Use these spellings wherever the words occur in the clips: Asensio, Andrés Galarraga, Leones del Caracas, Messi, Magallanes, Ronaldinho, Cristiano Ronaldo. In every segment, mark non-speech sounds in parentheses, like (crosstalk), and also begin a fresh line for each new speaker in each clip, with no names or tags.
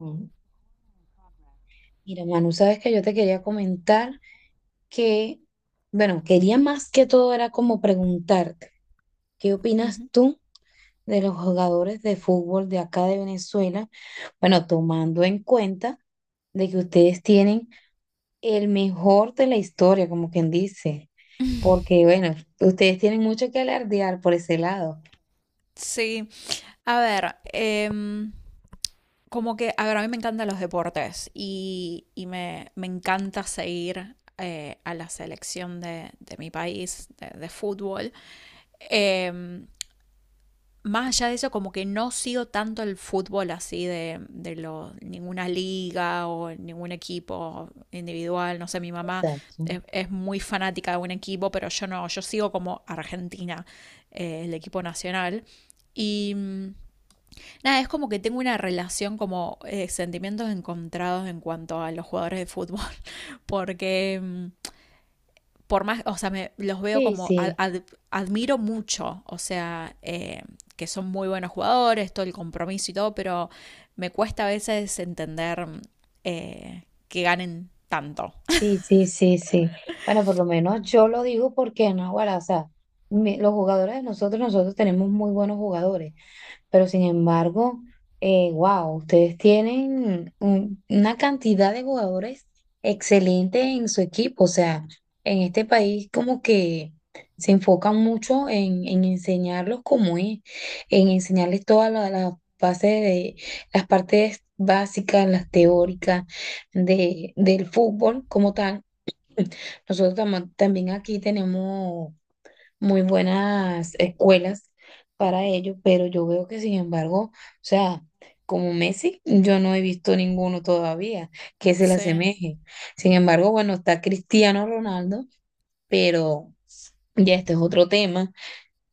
Ujú. Mira, Manu, sabes que yo te quería comentar que, bueno, quería más que todo era como preguntarte, ¿qué opinas
Ujú.
tú de los jugadores de fútbol de acá de Venezuela? Bueno, tomando en cuenta de que ustedes tienen el mejor de la historia, como quien dice,
(laughs)
porque, bueno, ustedes tienen mucho que alardear por ese lado.
Sí, a ver, como que, a ver, a mí me encantan los deportes y me encanta seguir a la selección de mi país de fútbol. Em, Más allá de eso, como que no sigo tanto el fútbol así de ninguna liga o ningún equipo individual. No sé, mi mamá
Exacto.
es muy fanática de un equipo, pero yo no, yo sigo como Argentina, el equipo nacional. Y mm, Nada, es como que tengo una relación como sentimientos encontrados en cuanto a los jugadores de fútbol, (laughs) porque mm, por más, o sea, me, los veo
Sí,
como,
sí.
admiro mucho, o sea, que son muy buenos jugadores, todo el compromiso y todo, pero me cuesta a veces entender que ganen tanto.
Sí, sí, sí, sí. Bueno, por lo menos yo lo digo porque, no, bueno, o sea, los jugadores de nosotros, nosotros tenemos muy buenos jugadores. Pero sin embargo, wow, ustedes tienen una cantidad de jugadores excelentes en su equipo. O sea, en este país como que se enfocan mucho en enseñarlos cómo es, en enseñarles las bases de las partes básicas, las teóricas de, del fútbol como tal. Nosotros también aquí tenemos muy buenas escuelas para ello, pero yo veo que sin embargo, o sea, como Messi, yo no he visto ninguno todavía que se le
Sí,
asemeje. Sin embargo, bueno, está Cristiano Ronaldo, pero ya este es otro tema.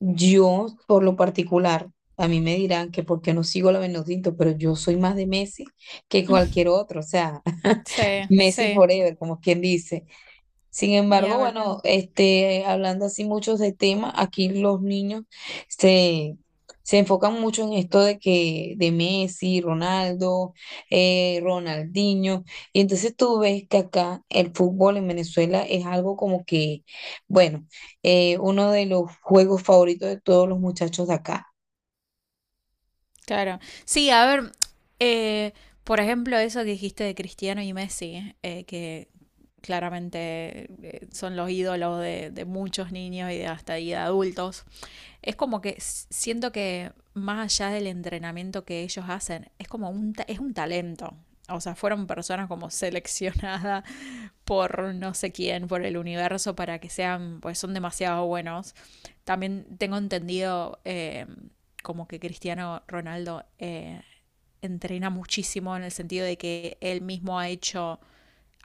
Yo, por lo particular, a mí me dirán que porque no sigo la Benedicto, pero yo soy más de Messi que
(laughs)
cualquier otro, o sea, (laughs)
sí,
Messi
sí,
forever, como quien dice. Sin
ni
embargo,
hablar,
bueno, este, hablando así muchos de temas, aquí los niños se, se enfocan mucho en esto de que de Messi, Ronaldo, Ronaldinho, y entonces tú ves que acá el fútbol en Venezuela es algo como que, bueno, uno de los juegos favoritos de todos los muchachos de acá.
claro. Sí, a ver, eh, por ejemplo, eso que dijiste de Cristiano y Messi, que claramente son los ídolos de muchos niños y de hasta y de adultos. Es como que siento que más allá del entrenamiento que ellos hacen, es como es un talento. O sea, fueron personas como seleccionadas por no sé quién, por el universo, para que sean, pues son demasiado buenos. También tengo entendido como que Cristiano Ronaldo entrena muchísimo en el sentido de que él mismo ha hecho,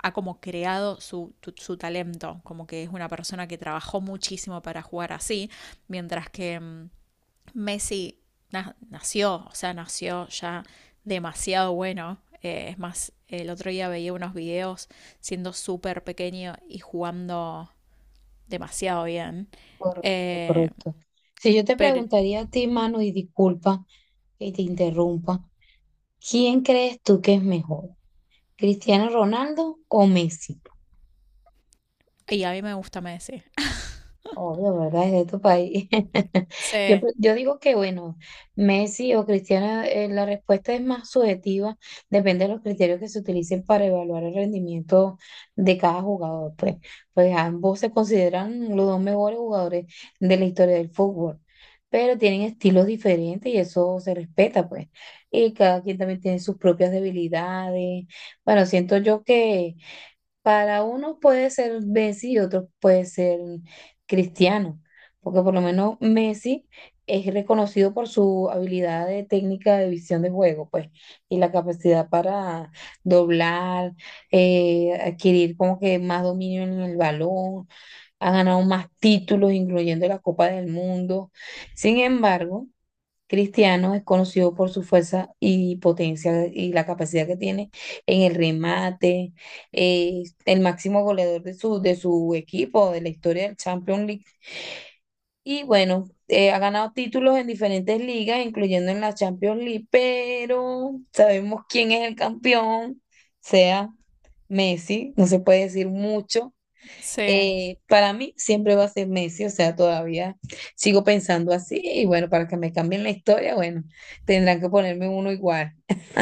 ha como creado su talento, como que es una persona que trabajó muchísimo para jugar así, mientras que Messi na nació, o sea, nació ya demasiado bueno. Es más, el otro día veía unos videos siendo súper pequeño y jugando demasiado bien.
Correcto,
Eh,
correcto. Si yo te
pero,
preguntaría a ti, Manu, y disculpa que te interrumpa, ¿quién crees tú que es mejor? ¿Cristiano Ronaldo o Messi?
y a mí me gusta Messi.
Obvio, ¿verdad? Es de tu país. (laughs) Yo,
Sí,
yo digo que, bueno, Messi o Cristiano, la respuesta es más subjetiva, depende de los criterios que se utilicen para evaluar el rendimiento de cada jugador, pues. Pues ambos se consideran los dos mejores jugadores de la historia del fútbol, pero tienen estilos diferentes y eso se respeta, pues. Y cada quien también tiene sus propias debilidades. Bueno, siento yo que para unos puede ser Messi y otros puede ser Cristiano, porque por lo menos Messi es reconocido por su habilidad de técnica de visión de juego, pues, y la capacidad para doblar, adquirir como que más dominio en el balón, ha ganado más títulos, incluyendo la Copa del Mundo. Sin embargo, Cristiano es conocido por su fuerza y potencia y la capacidad que tiene en el remate, el máximo goleador de su equipo, de la historia del Champions League. Y bueno, ha ganado títulos en diferentes ligas, incluyendo en la Champions League, pero sabemos quién es el campeón, o sea, Messi, no se puede decir mucho.
sí,
Para mí siempre va a ser Messi, o sea, todavía sigo pensando así y bueno, para que me cambien la historia, bueno, tendrán que ponerme uno igual.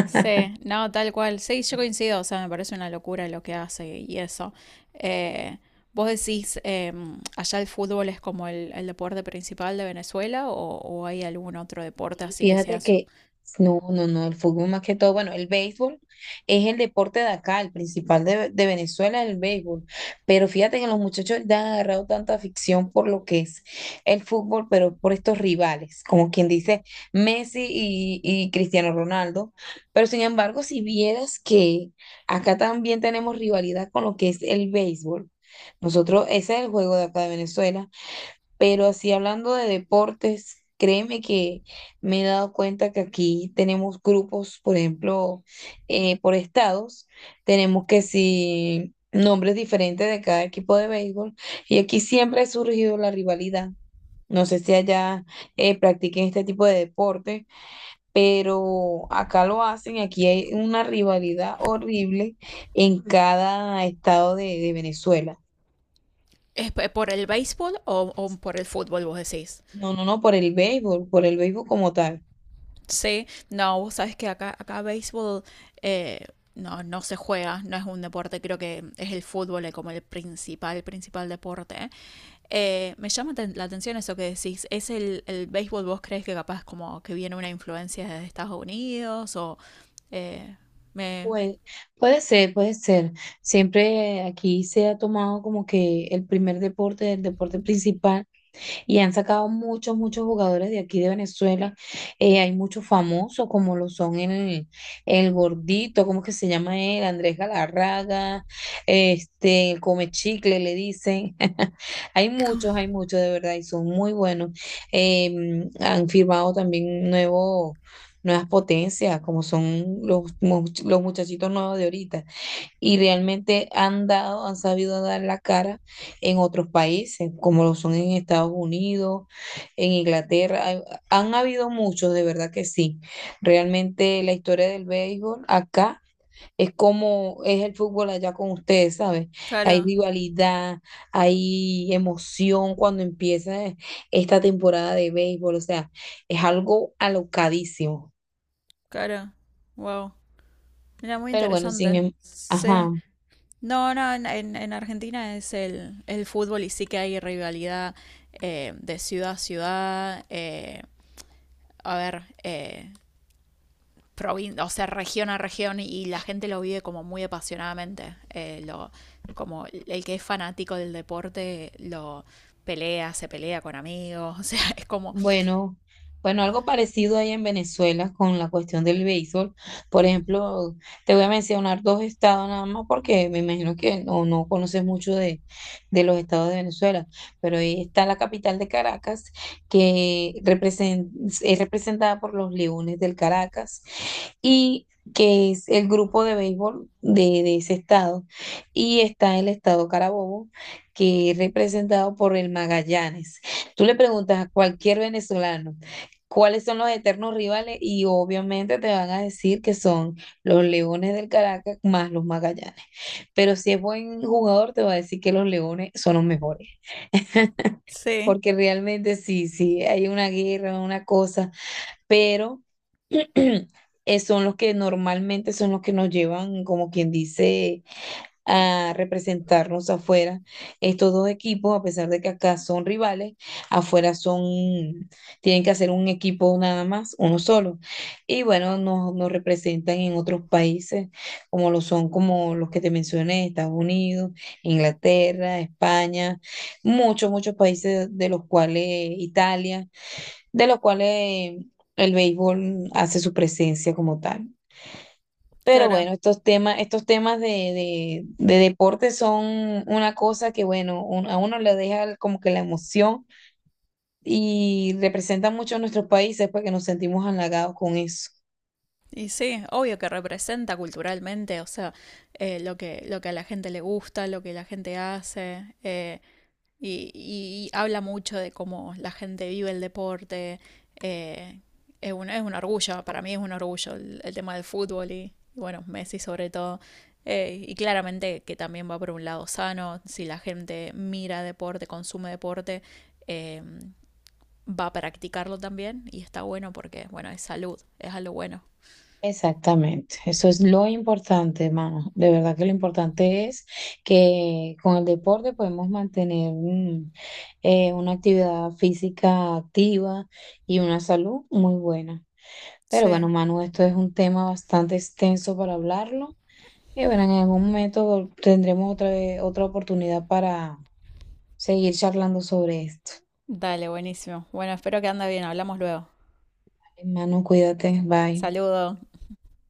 sí, no, tal cual. Sí, yo coincido, o sea, me parece una locura lo que hace y eso. Eh, ¿Vos decís, allá el fútbol es como el deporte principal de Venezuela o hay algún otro deporte
Y
así que sea
fíjate
su?
que no, el fútbol más que todo, bueno, el béisbol es el deporte de acá, el principal de Venezuela es el béisbol, pero fíjate que los muchachos le han agarrado tanta afición por lo que es el fútbol, pero por estos rivales, como quien dice, Messi y Cristiano Ronaldo, pero sin embargo, si vieras que acá también tenemos rivalidad con lo que es el béisbol, nosotros, ese es el juego de acá de Venezuela. Pero así hablando de deportes, créeme que me he dado cuenta que aquí tenemos grupos, por ejemplo, por estados, tenemos que si nombres diferentes de cada equipo de béisbol, y aquí siempre ha surgido la rivalidad. No sé si allá practiquen este tipo de deporte, pero acá lo hacen, y aquí hay una rivalidad horrible en cada estado de Venezuela.
¿Es por el béisbol o por el fútbol, vos decís?
No, no, no, por el béisbol como tal.
Sí, no, vos sabes que acá, acá béisbol eh, no, no se juega, no es un deporte, creo que es el fútbol como el principal, principal deporte. La atención eso que decís, ¿es el béisbol vos crees que capaz como que viene una influencia de Estados Unidos o eh, me...
Pues, puede ser, puede ser. Siempre aquí se ha tomado como que el primer deporte, el deporte principal y han sacado muchos, muchos jugadores de aquí de Venezuela. Hay muchos famosos, como lo son el gordito, ¿cómo que se llama él? Andrés Galarraga, este, el come chicle, le dicen. (laughs) Hay
(laughs)
muchos de verdad y son muy buenos. Han firmado también nuevos nuevas potencias, como son los, los muchachitos nuevos de ahorita y realmente han dado, han sabido dar la cara en otros países, como lo son en Estados Unidos, en Inglaterra. Han habido muchos, de verdad que sí. Realmente la historia del béisbol acá es como es el fútbol allá con ustedes, ¿sabes? Hay
Claro,
rivalidad, hay emoción cuando empieza esta temporada de béisbol, o sea, es algo alocadísimo.
claro, wow, era muy
Pero bueno, sin
interesante,
em-
sí.
ajá.
No, no, en Argentina es el fútbol y sí que hay rivalidad de ciudad a ciudad, a ver, o sea, región a región y, la gente lo vive como muy apasionadamente. Como el que es fanático del deporte lo pelea, se pelea con amigos, (laughs) o sea, es como...
Bueno, bueno, algo parecido hay en Venezuela con la cuestión del béisbol. Por ejemplo, te voy a mencionar dos estados nada más porque me imagino que no, no conoces mucho de los estados de Venezuela, pero ahí está la capital de Caracas que es representada por los Leones del Caracas y que es el grupo de béisbol de ese estado. Y está el estado Carabobo que es representado por el Magallanes. Tú le preguntas a cualquier venezolano cuáles son los eternos rivales y obviamente te van a decir que son los Leones del Caracas más los Magallanes. Pero si es buen jugador, te va a decir que los Leones son los mejores,
Sí,
porque realmente sí, sí, hay una guerra, una cosa, pero... (clears throat) son los que normalmente son los que nos llevan, como quien dice, a representarnos afuera. Estos dos equipos, a pesar de que acá son rivales, afuera son, tienen que hacer un equipo nada más, uno solo. Y bueno, nos, nos representan en otros países, como lo son, como los que te mencioné, Estados Unidos, Inglaterra, España, muchos, muchos países de los cuales, Italia, de los cuales el béisbol hace su presencia como tal. Pero
claro.
bueno, estos temas de deporte son una cosa que, bueno, a uno le deja como que la emoción y representa mucho a nuestros países porque nos sentimos halagados con eso.
Y sí, obvio que representa culturalmente, o sea, lo que a la gente le gusta, lo que la gente hace. Y habla mucho de cómo la gente vive el deporte. eh, es un, es un orgullo, para mí es un orgullo el tema del fútbol y, bueno, Messi sobre todo. Y claramente que también va por un lado sano, si la gente mira deporte, consume deporte, eh, va a practicarlo también y está bueno porque, bueno, es salud, es algo bueno.
Exactamente, eso es lo importante, hermano. De verdad que lo importante es que con el deporte podemos mantener una actividad física activa y una salud muy buena. Pero bueno,
Sí.
Manu, esto es un tema bastante extenso para hablarlo. Y bueno, en algún momento tendremos otra oportunidad para seguir charlando sobre esto.
Dale, buenísimo. Bueno, espero que ande bien, hablamos luego.
Hermano, cuídate, bye.
Saludos.